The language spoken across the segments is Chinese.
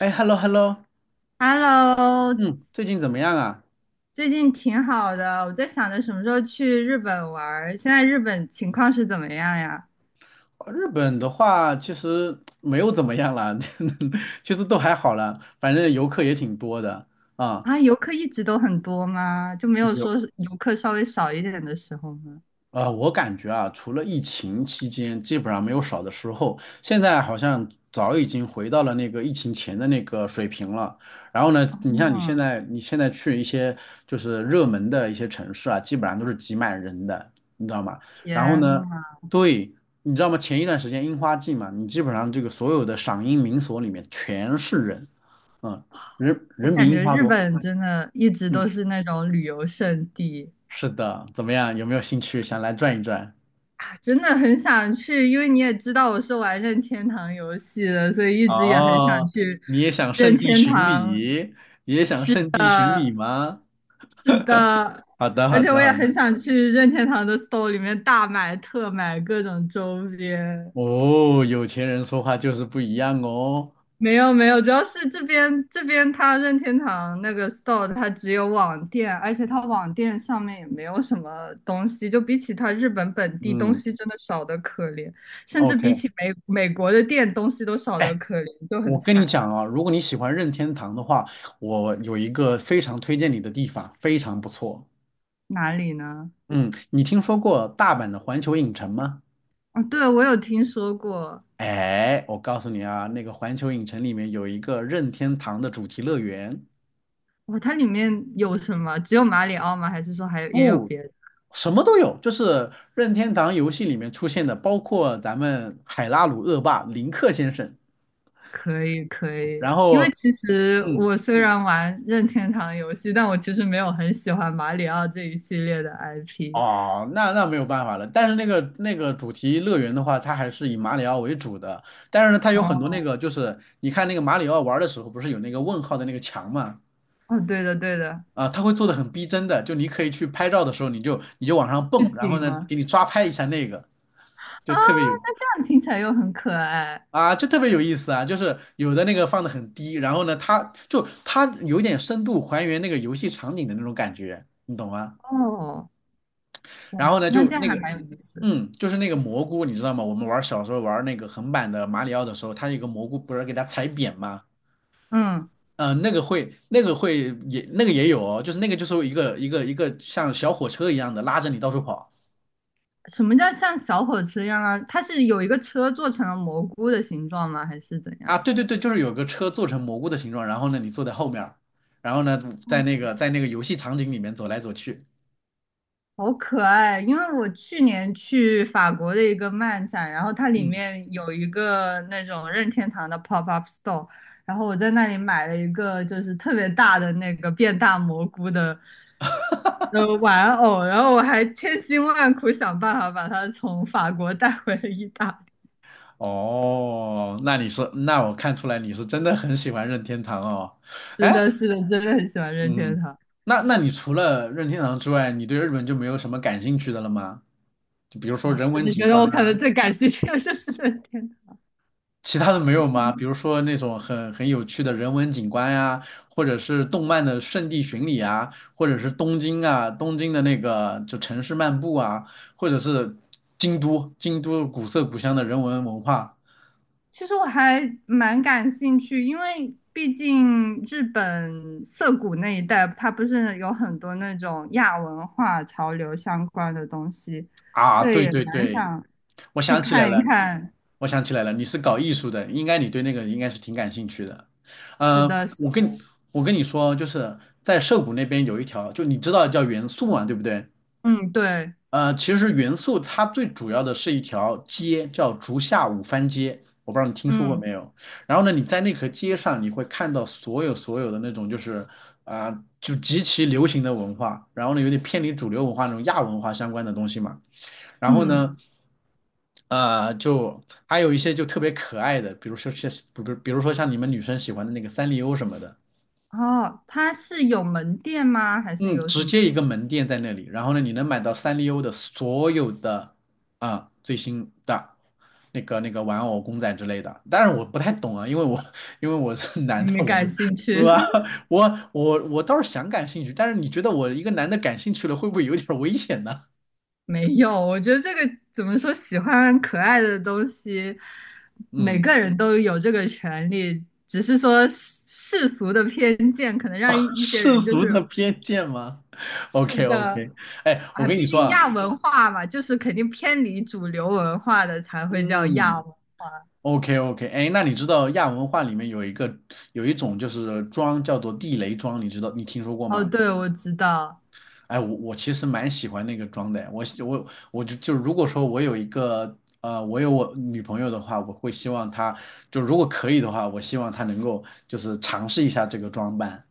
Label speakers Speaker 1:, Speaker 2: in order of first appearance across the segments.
Speaker 1: 哎，hello hello，
Speaker 2: Hello，
Speaker 1: 嗯，最近怎么样啊？
Speaker 2: 最近挺好的，我在想着什么时候去日本玩儿。现在日本情况是怎么样呀？
Speaker 1: 日本的话，其实没有怎么样啦，其实都还好啦，反正游客也挺多的啊。
Speaker 2: 啊，游客一直都很多吗？就没有
Speaker 1: 有。
Speaker 2: 说是游客稍微少一点的时候吗？
Speaker 1: 我感觉啊，除了疫情期间，基本上没有少的时候。现在好像早已经回到了那个疫情前的那个水平了。然后呢，
Speaker 2: 嗯，
Speaker 1: 你现在去一些就是热门的一些城市啊，基本上都是挤满人的，你知道吗？然后
Speaker 2: 天
Speaker 1: 呢，
Speaker 2: 呐，
Speaker 1: 对，你知道吗？前一段时间樱花季嘛，你基本上这个所有的赏樱名所里面全是人，嗯，人
Speaker 2: 我
Speaker 1: 人比
Speaker 2: 感
Speaker 1: 樱
Speaker 2: 觉
Speaker 1: 花
Speaker 2: 日
Speaker 1: 多。
Speaker 2: 本真的一直
Speaker 1: 嗯，
Speaker 2: 都是那种旅游胜地，
Speaker 1: 是的，怎么样？有没有兴趣想来转一转？
Speaker 2: 啊真的很想去。因为你也知道我是玩任天堂游戏的，所以一直也很想
Speaker 1: 哦，
Speaker 2: 去
Speaker 1: 你也想
Speaker 2: 任
Speaker 1: 圣地
Speaker 2: 天
Speaker 1: 巡
Speaker 2: 堂。
Speaker 1: 礼，也想圣地巡礼吗？
Speaker 2: 是的，
Speaker 1: 好的，
Speaker 2: 而
Speaker 1: 好
Speaker 2: 且
Speaker 1: 的，
Speaker 2: 我也
Speaker 1: 好
Speaker 2: 很
Speaker 1: 的。
Speaker 2: 想去任天堂的 store 里面大买特买各种周边。
Speaker 1: 哦，有钱人说话就是不一样哦。
Speaker 2: 没有没有，主要是这边它任天堂那个 store 它只有网店，而且它网店上面也没有什么东西，就比起它日本本地东
Speaker 1: 嗯
Speaker 2: 西真的少的可怜，甚至比
Speaker 1: ，OK。
Speaker 2: 起美国的店东西都少的
Speaker 1: 哎，
Speaker 2: 可怜，就很
Speaker 1: 我跟你
Speaker 2: 惨。
Speaker 1: 讲啊，如果你喜欢任天堂的话，我有一个非常推荐你的地方，非常不错。
Speaker 2: 哪里呢？
Speaker 1: 嗯，你听说过大阪的环球影城吗？
Speaker 2: 哦，对，我有听说过，
Speaker 1: 哎，我告诉你啊，那个环球影城里面有一个任天堂的主题乐园。
Speaker 2: 哇，它里面有什么？只有马里奥吗？还是说还有也有
Speaker 1: 不，
Speaker 2: 别的？
Speaker 1: 什么都有，就是任天堂游戏里面出现的，包括咱们海拉鲁恶霸林克先生。
Speaker 2: 可以可以，
Speaker 1: 然
Speaker 2: 因为
Speaker 1: 后
Speaker 2: 其实
Speaker 1: 嗯，
Speaker 2: 我虽然玩任天堂游戏，但我其实没有很喜欢马里奥这一系列的 IP。
Speaker 1: 哦，那没有办法了。但是那个主题乐园的话，它还是以马里奥为主的，但是呢，它有很多
Speaker 2: 哦
Speaker 1: 那个就是你看那个马里奥玩的时候，不是有那个问号的那个墙嘛？
Speaker 2: 哦，对的对的，
Speaker 1: 啊，它会做的很逼真的，就你可以去拍照的时候，你就往上
Speaker 2: 是
Speaker 1: 蹦，然后
Speaker 2: 顶
Speaker 1: 呢，
Speaker 2: 吗？
Speaker 1: 给你抓拍一下那个，
Speaker 2: 啊，
Speaker 1: 就特别有
Speaker 2: 那这样听起来又很可爱
Speaker 1: 就特别有意思啊，就是有的那个放的很低，然后呢，它有点深度还原那个游戏场景的那种感觉，你懂吗？
Speaker 2: 哦。
Speaker 1: 然后
Speaker 2: 哇，
Speaker 1: 呢，
Speaker 2: 那
Speaker 1: 就
Speaker 2: 这样
Speaker 1: 那
Speaker 2: 还
Speaker 1: 个，
Speaker 2: 蛮有意思。
Speaker 1: 嗯，就是那个蘑菇，你知道吗？我们小时候玩那个横版的马里奥的时候，它有个蘑菇不是给它踩扁吗？
Speaker 2: 嗯，
Speaker 1: 那个会也那个也有哦，就是那个就是一个像小火车一样的拉着你到处跑。
Speaker 2: 什么叫像小火车一样啊？它是有一个车做成了蘑菇的形状吗？还是怎样？
Speaker 1: 啊，对对对，就是有个车做成蘑菇的形状，然后呢你坐在后面儿，然后呢在那个游戏场景里面走来走去，
Speaker 2: 好可爱！因为我去年去法国的一个漫展，然后它里
Speaker 1: 嗯。
Speaker 2: 面有一个那种任天堂的 pop up store，然后我在那里买了一个就是特别大的那个变大蘑菇的玩偶，然后我还千辛万苦想办法把它从法国带回了意大利。
Speaker 1: 哦，那你是，那我看出来你是真的很喜欢任天堂哦。
Speaker 2: 是
Speaker 1: 哎，
Speaker 2: 的，是的，真的很喜欢任天
Speaker 1: 嗯，
Speaker 2: 堂。
Speaker 1: 那你除了任天堂之外，你对日本就没有什么感兴趣的了吗？就比如说
Speaker 2: 啊！
Speaker 1: 人
Speaker 2: 真
Speaker 1: 文
Speaker 2: 的觉
Speaker 1: 景
Speaker 2: 得
Speaker 1: 观
Speaker 2: 我可能
Speaker 1: 啊，
Speaker 2: 最感兴趣的就是任天
Speaker 1: 其他的没有吗？
Speaker 2: 堂。
Speaker 1: 比如说那种很有趣的人文景观呀、或者是动漫的圣地巡礼啊，或者是东京啊，东京的那个就城市漫步啊，或者是京都，京都古色古香的人文文化。
Speaker 2: 其实我还蛮感兴趣，因为毕竟日本涩谷那一带，它不是有很多那种亚文化潮流相关的东西，
Speaker 1: 啊，
Speaker 2: 所以
Speaker 1: 对
Speaker 2: 也
Speaker 1: 对
Speaker 2: 蛮
Speaker 1: 对，
Speaker 2: 想
Speaker 1: 我
Speaker 2: 去
Speaker 1: 想起来
Speaker 2: 看一
Speaker 1: 了，
Speaker 2: 看。
Speaker 1: 我想起来了，你是搞艺术的，应该你对那个应该是挺感兴趣的。
Speaker 2: 是
Speaker 1: 嗯、
Speaker 2: 的，是
Speaker 1: 我跟
Speaker 2: 的，
Speaker 1: 你我跟你说，就是在涩谷那边有一条，就你知道叫元素嘛，对不对？
Speaker 2: 嗯，对，
Speaker 1: 其实元素它最主要的是一条街，叫竹下五番街，我不知道你听说过
Speaker 2: 嗯
Speaker 1: 没有。然后呢，你在那条街上，你会看到所有的那种就是就极其流行的文化，然后呢，有点偏离主流文化那种亚文化相关的东西嘛。然后
Speaker 2: 嗯，
Speaker 1: 呢，就还有一些就特别可爱的，比如说像，比如说像你们女生喜欢的那个三丽鸥什么的，
Speaker 2: 哦，它是有门店吗？还是
Speaker 1: 嗯，
Speaker 2: 有什
Speaker 1: 直
Speaker 2: 么？
Speaker 1: 接一个门店在那里，然后呢，你能买到三丽鸥的所有的最新的那个玩偶、公仔之类的。当然我不太懂啊，因为我 因为我是
Speaker 2: 你
Speaker 1: 男的，
Speaker 2: 没感兴
Speaker 1: 我
Speaker 2: 趣？
Speaker 1: 我倒是想感兴趣，但是你觉得我一个男的感兴趣了，会不会有点危险呢？
Speaker 2: 没有，我觉得这个怎么说，喜欢可爱的东西，每
Speaker 1: 嗯，
Speaker 2: 个人都有这个权利，只是说世俗的偏见可能让一些
Speaker 1: 世
Speaker 2: 人就
Speaker 1: 俗的
Speaker 2: 是
Speaker 1: 偏见吗
Speaker 2: 是
Speaker 1: ？OK
Speaker 2: 的，
Speaker 1: OK，哎，我
Speaker 2: 啊，
Speaker 1: 跟你
Speaker 2: 毕
Speaker 1: 说
Speaker 2: 竟
Speaker 1: 啊。
Speaker 2: 亚文化嘛，就是肯定偏离主流文化的才会叫亚
Speaker 1: 嗯
Speaker 2: 文。
Speaker 1: ，OK OK，哎，那你知道亚文化里面有一种就是妆叫做地雷妆，你知道你听说过
Speaker 2: 哦，
Speaker 1: 吗？
Speaker 2: 对，我知道，
Speaker 1: 哎，我其实蛮喜欢那个妆的，我就如果说我有我女朋友的话，我会希望她就如果可以的话，我希望她能够就是尝试一下这个装扮。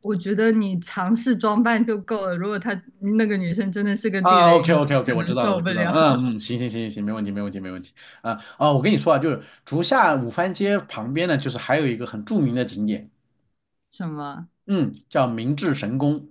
Speaker 2: 我觉得你尝试装扮就够了。如果她那个女生真的是个地
Speaker 1: 啊
Speaker 2: 雷，
Speaker 1: ，OK
Speaker 2: 你
Speaker 1: OK OK，
Speaker 2: 可
Speaker 1: 我知
Speaker 2: 能
Speaker 1: 道了，
Speaker 2: 受
Speaker 1: 我
Speaker 2: 不
Speaker 1: 知道了，
Speaker 2: 了。
Speaker 1: 嗯嗯，行行行行行，没问题没问题没问题。啊哦，我跟你说啊，就是竹下五番街旁边呢，就是还有一个很著名的景点。
Speaker 2: 什么？
Speaker 1: 嗯，叫明治神宫。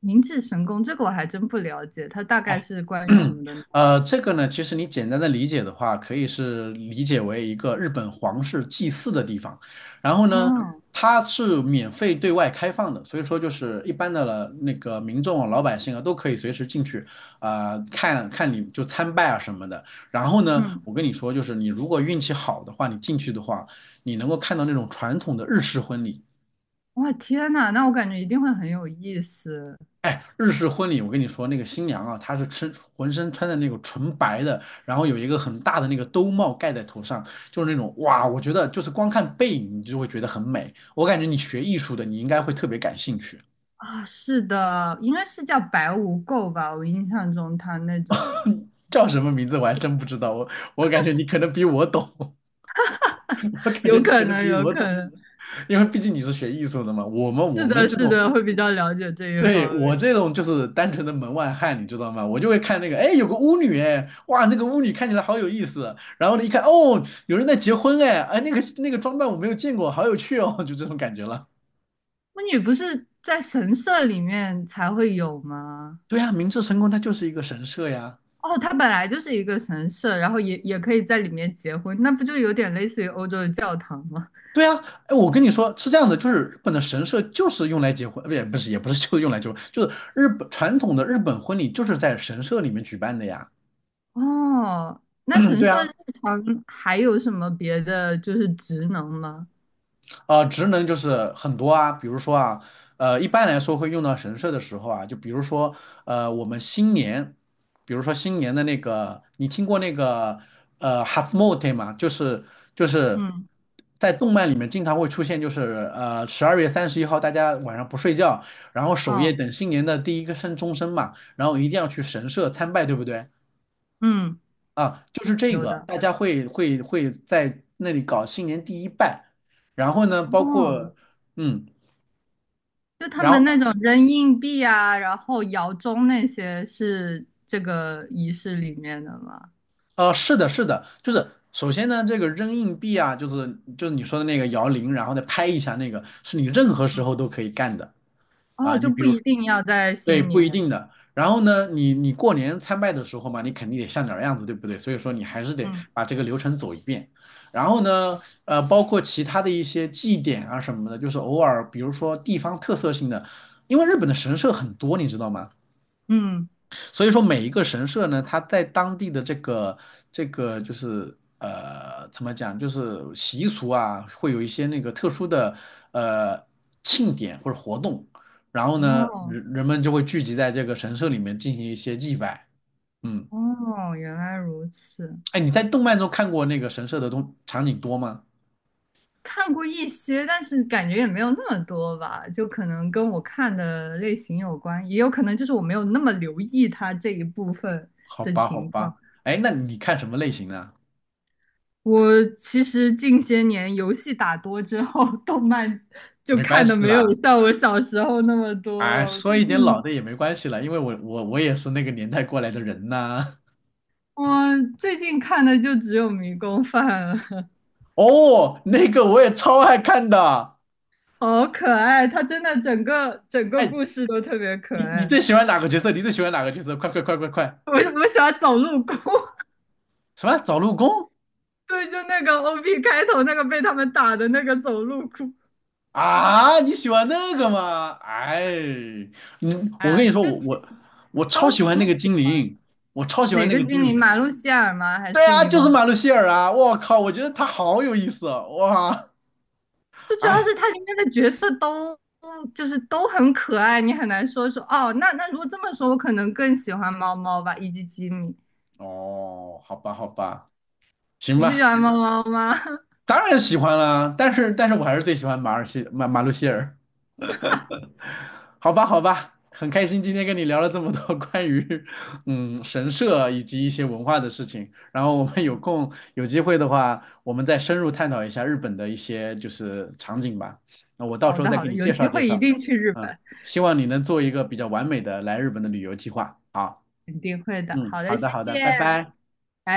Speaker 2: 明治神宫这个我还真不了解，它大概
Speaker 1: 哎，
Speaker 2: 是关于什么的呢？
Speaker 1: 这个呢，其实你简单的理解的话，可以是理解为一个日本皇室祭祀的地方。然后呢，
Speaker 2: 哦，
Speaker 1: 它是免费对外开放的，所以说就是一般的了那个民众啊、老百姓啊都可以随时进去看看你就参拜啊什么的。然后呢，
Speaker 2: 嗯，
Speaker 1: 我跟你说，就是你如果运气好的话，你进去的话，你能够看到那种传统的日式婚礼。
Speaker 2: 哇，天呐，那我感觉一定会很有意思。
Speaker 1: 哎，日式婚礼，我跟你说，那个新娘啊，她是浑身穿的那种纯白的，然后有一个很大的那个兜帽盖在头上，就是那种哇，我觉得就是光看背影你就会觉得很美。我感觉你学艺术的，你应该会特别感兴趣。
Speaker 2: 啊！是的，应该是叫白无垢吧？我印象中它那种
Speaker 1: 叫什么名字我还真不知道，我我感觉你可能比我懂，我 感觉
Speaker 2: 有
Speaker 1: 你可
Speaker 2: 可
Speaker 1: 能
Speaker 2: 能，
Speaker 1: 比
Speaker 2: 有
Speaker 1: 我
Speaker 2: 可
Speaker 1: 懂，
Speaker 2: 能，
Speaker 1: 因为毕竟你是学艺术的嘛。我
Speaker 2: 是
Speaker 1: 们
Speaker 2: 的，
Speaker 1: 这
Speaker 2: 是
Speaker 1: 种
Speaker 2: 的，会比较了解这一
Speaker 1: 对，
Speaker 2: 方面。
Speaker 1: 我这种就是单纯的门外汉，你知道吗？我就会看那个，哎，有个巫女，哎，哇，那个巫女看起来好有意思。然后呢，一看，哦，有人在结婚，哎，哎，那个装扮我没有见过，好有趣哦，就这种感觉了。
Speaker 2: 巫女不是在神社里面才会有吗？
Speaker 1: 对呀，明治神宫它就是一个神社呀。
Speaker 2: 哦，它本来就是一个神社，然后也也可以在里面结婚，那不就有点类似于欧洲的教堂吗？
Speaker 1: 对呀，哎，我跟你说是这样的，就是日本的神社就是用来结婚，不也不是也不是就是用来结婚，就是日本传统的日本婚礼就是在神社里面举办的呀。
Speaker 2: 哦，那
Speaker 1: 嗯，
Speaker 2: 神
Speaker 1: 对
Speaker 2: 社日
Speaker 1: 啊。
Speaker 2: 常还有什么别的就是职能吗？
Speaker 1: 职能就是很多啊，比如说啊，一般来说会用到神社的时候啊，就比如说，我们新年，比如说新年的那个，你听过那个Hatsumote 吗？就是
Speaker 2: 嗯，
Speaker 1: 在动漫里面经常会出现，就是12月31号大家晚上不睡觉，然后守夜
Speaker 2: 哦，
Speaker 1: 等新年的第一个声钟声嘛，然后一定要去神社参拜，对不对？
Speaker 2: 嗯，
Speaker 1: 啊，就是这
Speaker 2: 有
Speaker 1: 个，
Speaker 2: 的。
Speaker 1: 大家会在那里搞新年第一拜。然后呢，包
Speaker 2: 哦，
Speaker 1: 括嗯，
Speaker 2: 就他
Speaker 1: 然
Speaker 2: 们
Speaker 1: 后
Speaker 2: 那种扔硬币啊，然后摇钟那些是这个仪式里面的吗？
Speaker 1: 是的，是的，就是首先呢，这个扔硬币啊，就是你说的那个摇铃，然后再拍一下那个，是你任何时
Speaker 2: 嗯，
Speaker 1: 候都可以干的
Speaker 2: 哦，
Speaker 1: 啊。
Speaker 2: 就
Speaker 1: 你比
Speaker 2: 不
Speaker 1: 如
Speaker 2: 一定要在
Speaker 1: 对，
Speaker 2: 新
Speaker 1: 不一
Speaker 2: 年。
Speaker 1: 定的。然后呢，你过年参拜的时候嘛，你肯定得像点儿样子，对不对？所以说你还是得
Speaker 2: 嗯
Speaker 1: 把这个流程走一遍。然后呢，包括其他的一些祭典啊什么的，就是偶尔，比如说地方特色性的，因为日本的神社很多，你知道吗？
Speaker 2: 嗯，
Speaker 1: 所以说每一个神社呢，它在当地的这个就是怎么讲，就是习俗啊，会有一些那个特殊的呃庆典或者活动，然后呢，
Speaker 2: 哦
Speaker 1: 人们就会聚集在这个神社里面进行一些祭拜。嗯，
Speaker 2: 哦，原来如此。
Speaker 1: 哎，你在动漫中看过那个神社的东场景多吗？
Speaker 2: 看过一些，但是感觉也没有那么多吧，就可能跟我看的类型有关，也有可能就是我没有那么留意它这一部分
Speaker 1: 好
Speaker 2: 的
Speaker 1: 吧，好
Speaker 2: 情况。
Speaker 1: 吧，哎，那你看什么类型呢？
Speaker 2: 我其实近些年游戏打多之后，动漫就
Speaker 1: 没关
Speaker 2: 看的
Speaker 1: 系
Speaker 2: 没有
Speaker 1: 啦，
Speaker 2: 像我小时候那么多
Speaker 1: 哎，
Speaker 2: 了。我
Speaker 1: 说
Speaker 2: 最
Speaker 1: 一点老
Speaker 2: 近
Speaker 1: 的也没关系啦，因为我也是那个年代过来的人呐、
Speaker 2: 我最近看的就只有《迷宫饭》了，
Speaker 1: 哦，那个我也超爱看的。
Speaker 2: 好可爱！它真的整个
Speaker 1: 哎，
Speaker 2: 故事都特别可
Speaker 1: 你
Speaker 2: 爱。
Speaker 1: 最喜欢哪个角色？你最喜欢哪个角色？快快快快快！
Speaker 2: 我喜欢走路哭。
Speaker 1: 什么？找陆公
Speaker 2: 对，就那个 OP 开头那个被他们打的那个走路哭，
Speaker 1: 啊？你喜欢那个吗？哎，你
Speaker 2: 哎
Speaker 1: 我
Speaker 2: 呀，
Speaker 1: 跟你说，
Speaker 2: 就其实
Speaker 1: 我超
Speaker 2: 都
Speaker 1: 喜欢
Speaker 2: 挺
Speaker 1: 那个
Speaker 2: 喜
Speaker 1: 精
Speaker 2: 欢。
Speaker 1: 灵，我超喜欢
Speaker 2: 哪
Speaker 1: 那
Speaker 2: 个
Speaker 1: 个
Speaker 2: 精
Speaker 1: 精
Speaker 2: 灵？
Speaker 1: 灵。
Speaker 2: 马路希尔吗？还
Speaker 1: 对
Speaker 2: 是
Speaker 1: 啊，
Speaker 2: 迷
Speaker 1: 就是
Speaker 2: 宫？
Speaker 1: 马路希尔啊！我靠，我觉得他好有意思哦，哇！
Speaker 2: 就主要
Speaker 1: 哎，
Speaker 2: 是它里面的角色都就是都很可爱，你很难说哦。那如果这么说，我可能更喜欢猫猫吧，以及吉米。
Speaker 1: 哦，好吧好吧，行
Speaker 2: 你不喜
Speaker 1: 吧。
Speaker 2: 欢猫猫吗？
Speaker 1: 当然喜欢啦，但是我还是最喜欢马路希尔。好吧，好吧，很开心今天跟你聊了这么多 关于神社以及一些文化的事情，然后我们有空有机会的话，我们再深入探讨一下日本的一些就是场景吧。那我到
Speaker 2: 好
Speaker 1: 时候
Speaker 2: 的
Speaker 1: 再
Speaker 2: 好
Speaker 1: 给
Speaker 2: 的，
Speaker 1: 你
Speaker 2: 有
Speaker 1: 介
Speaker 2: 机
Speaker 1: 绍介
Speaker 2: 会一
Speaker 1: 绍，
Speaker 2: 定去日
Speaker 1: 嗯，
Speaker 2: 本，
Speaker 1: 希望你能做一个比较完美的来日本的旅游计划。好，
Speaker 2: 肯定会的。
Speaker 1: 嗯，
Speaker 2: 好
Speaker 1: 好
Speaker 2: 的，谢
Speaker 1: 的，好的，
Speaker 2: 谢，
Speaker 1: 拜
Speaker 2: 拜
Speaker 1: 拜。
Speaker 2: 拜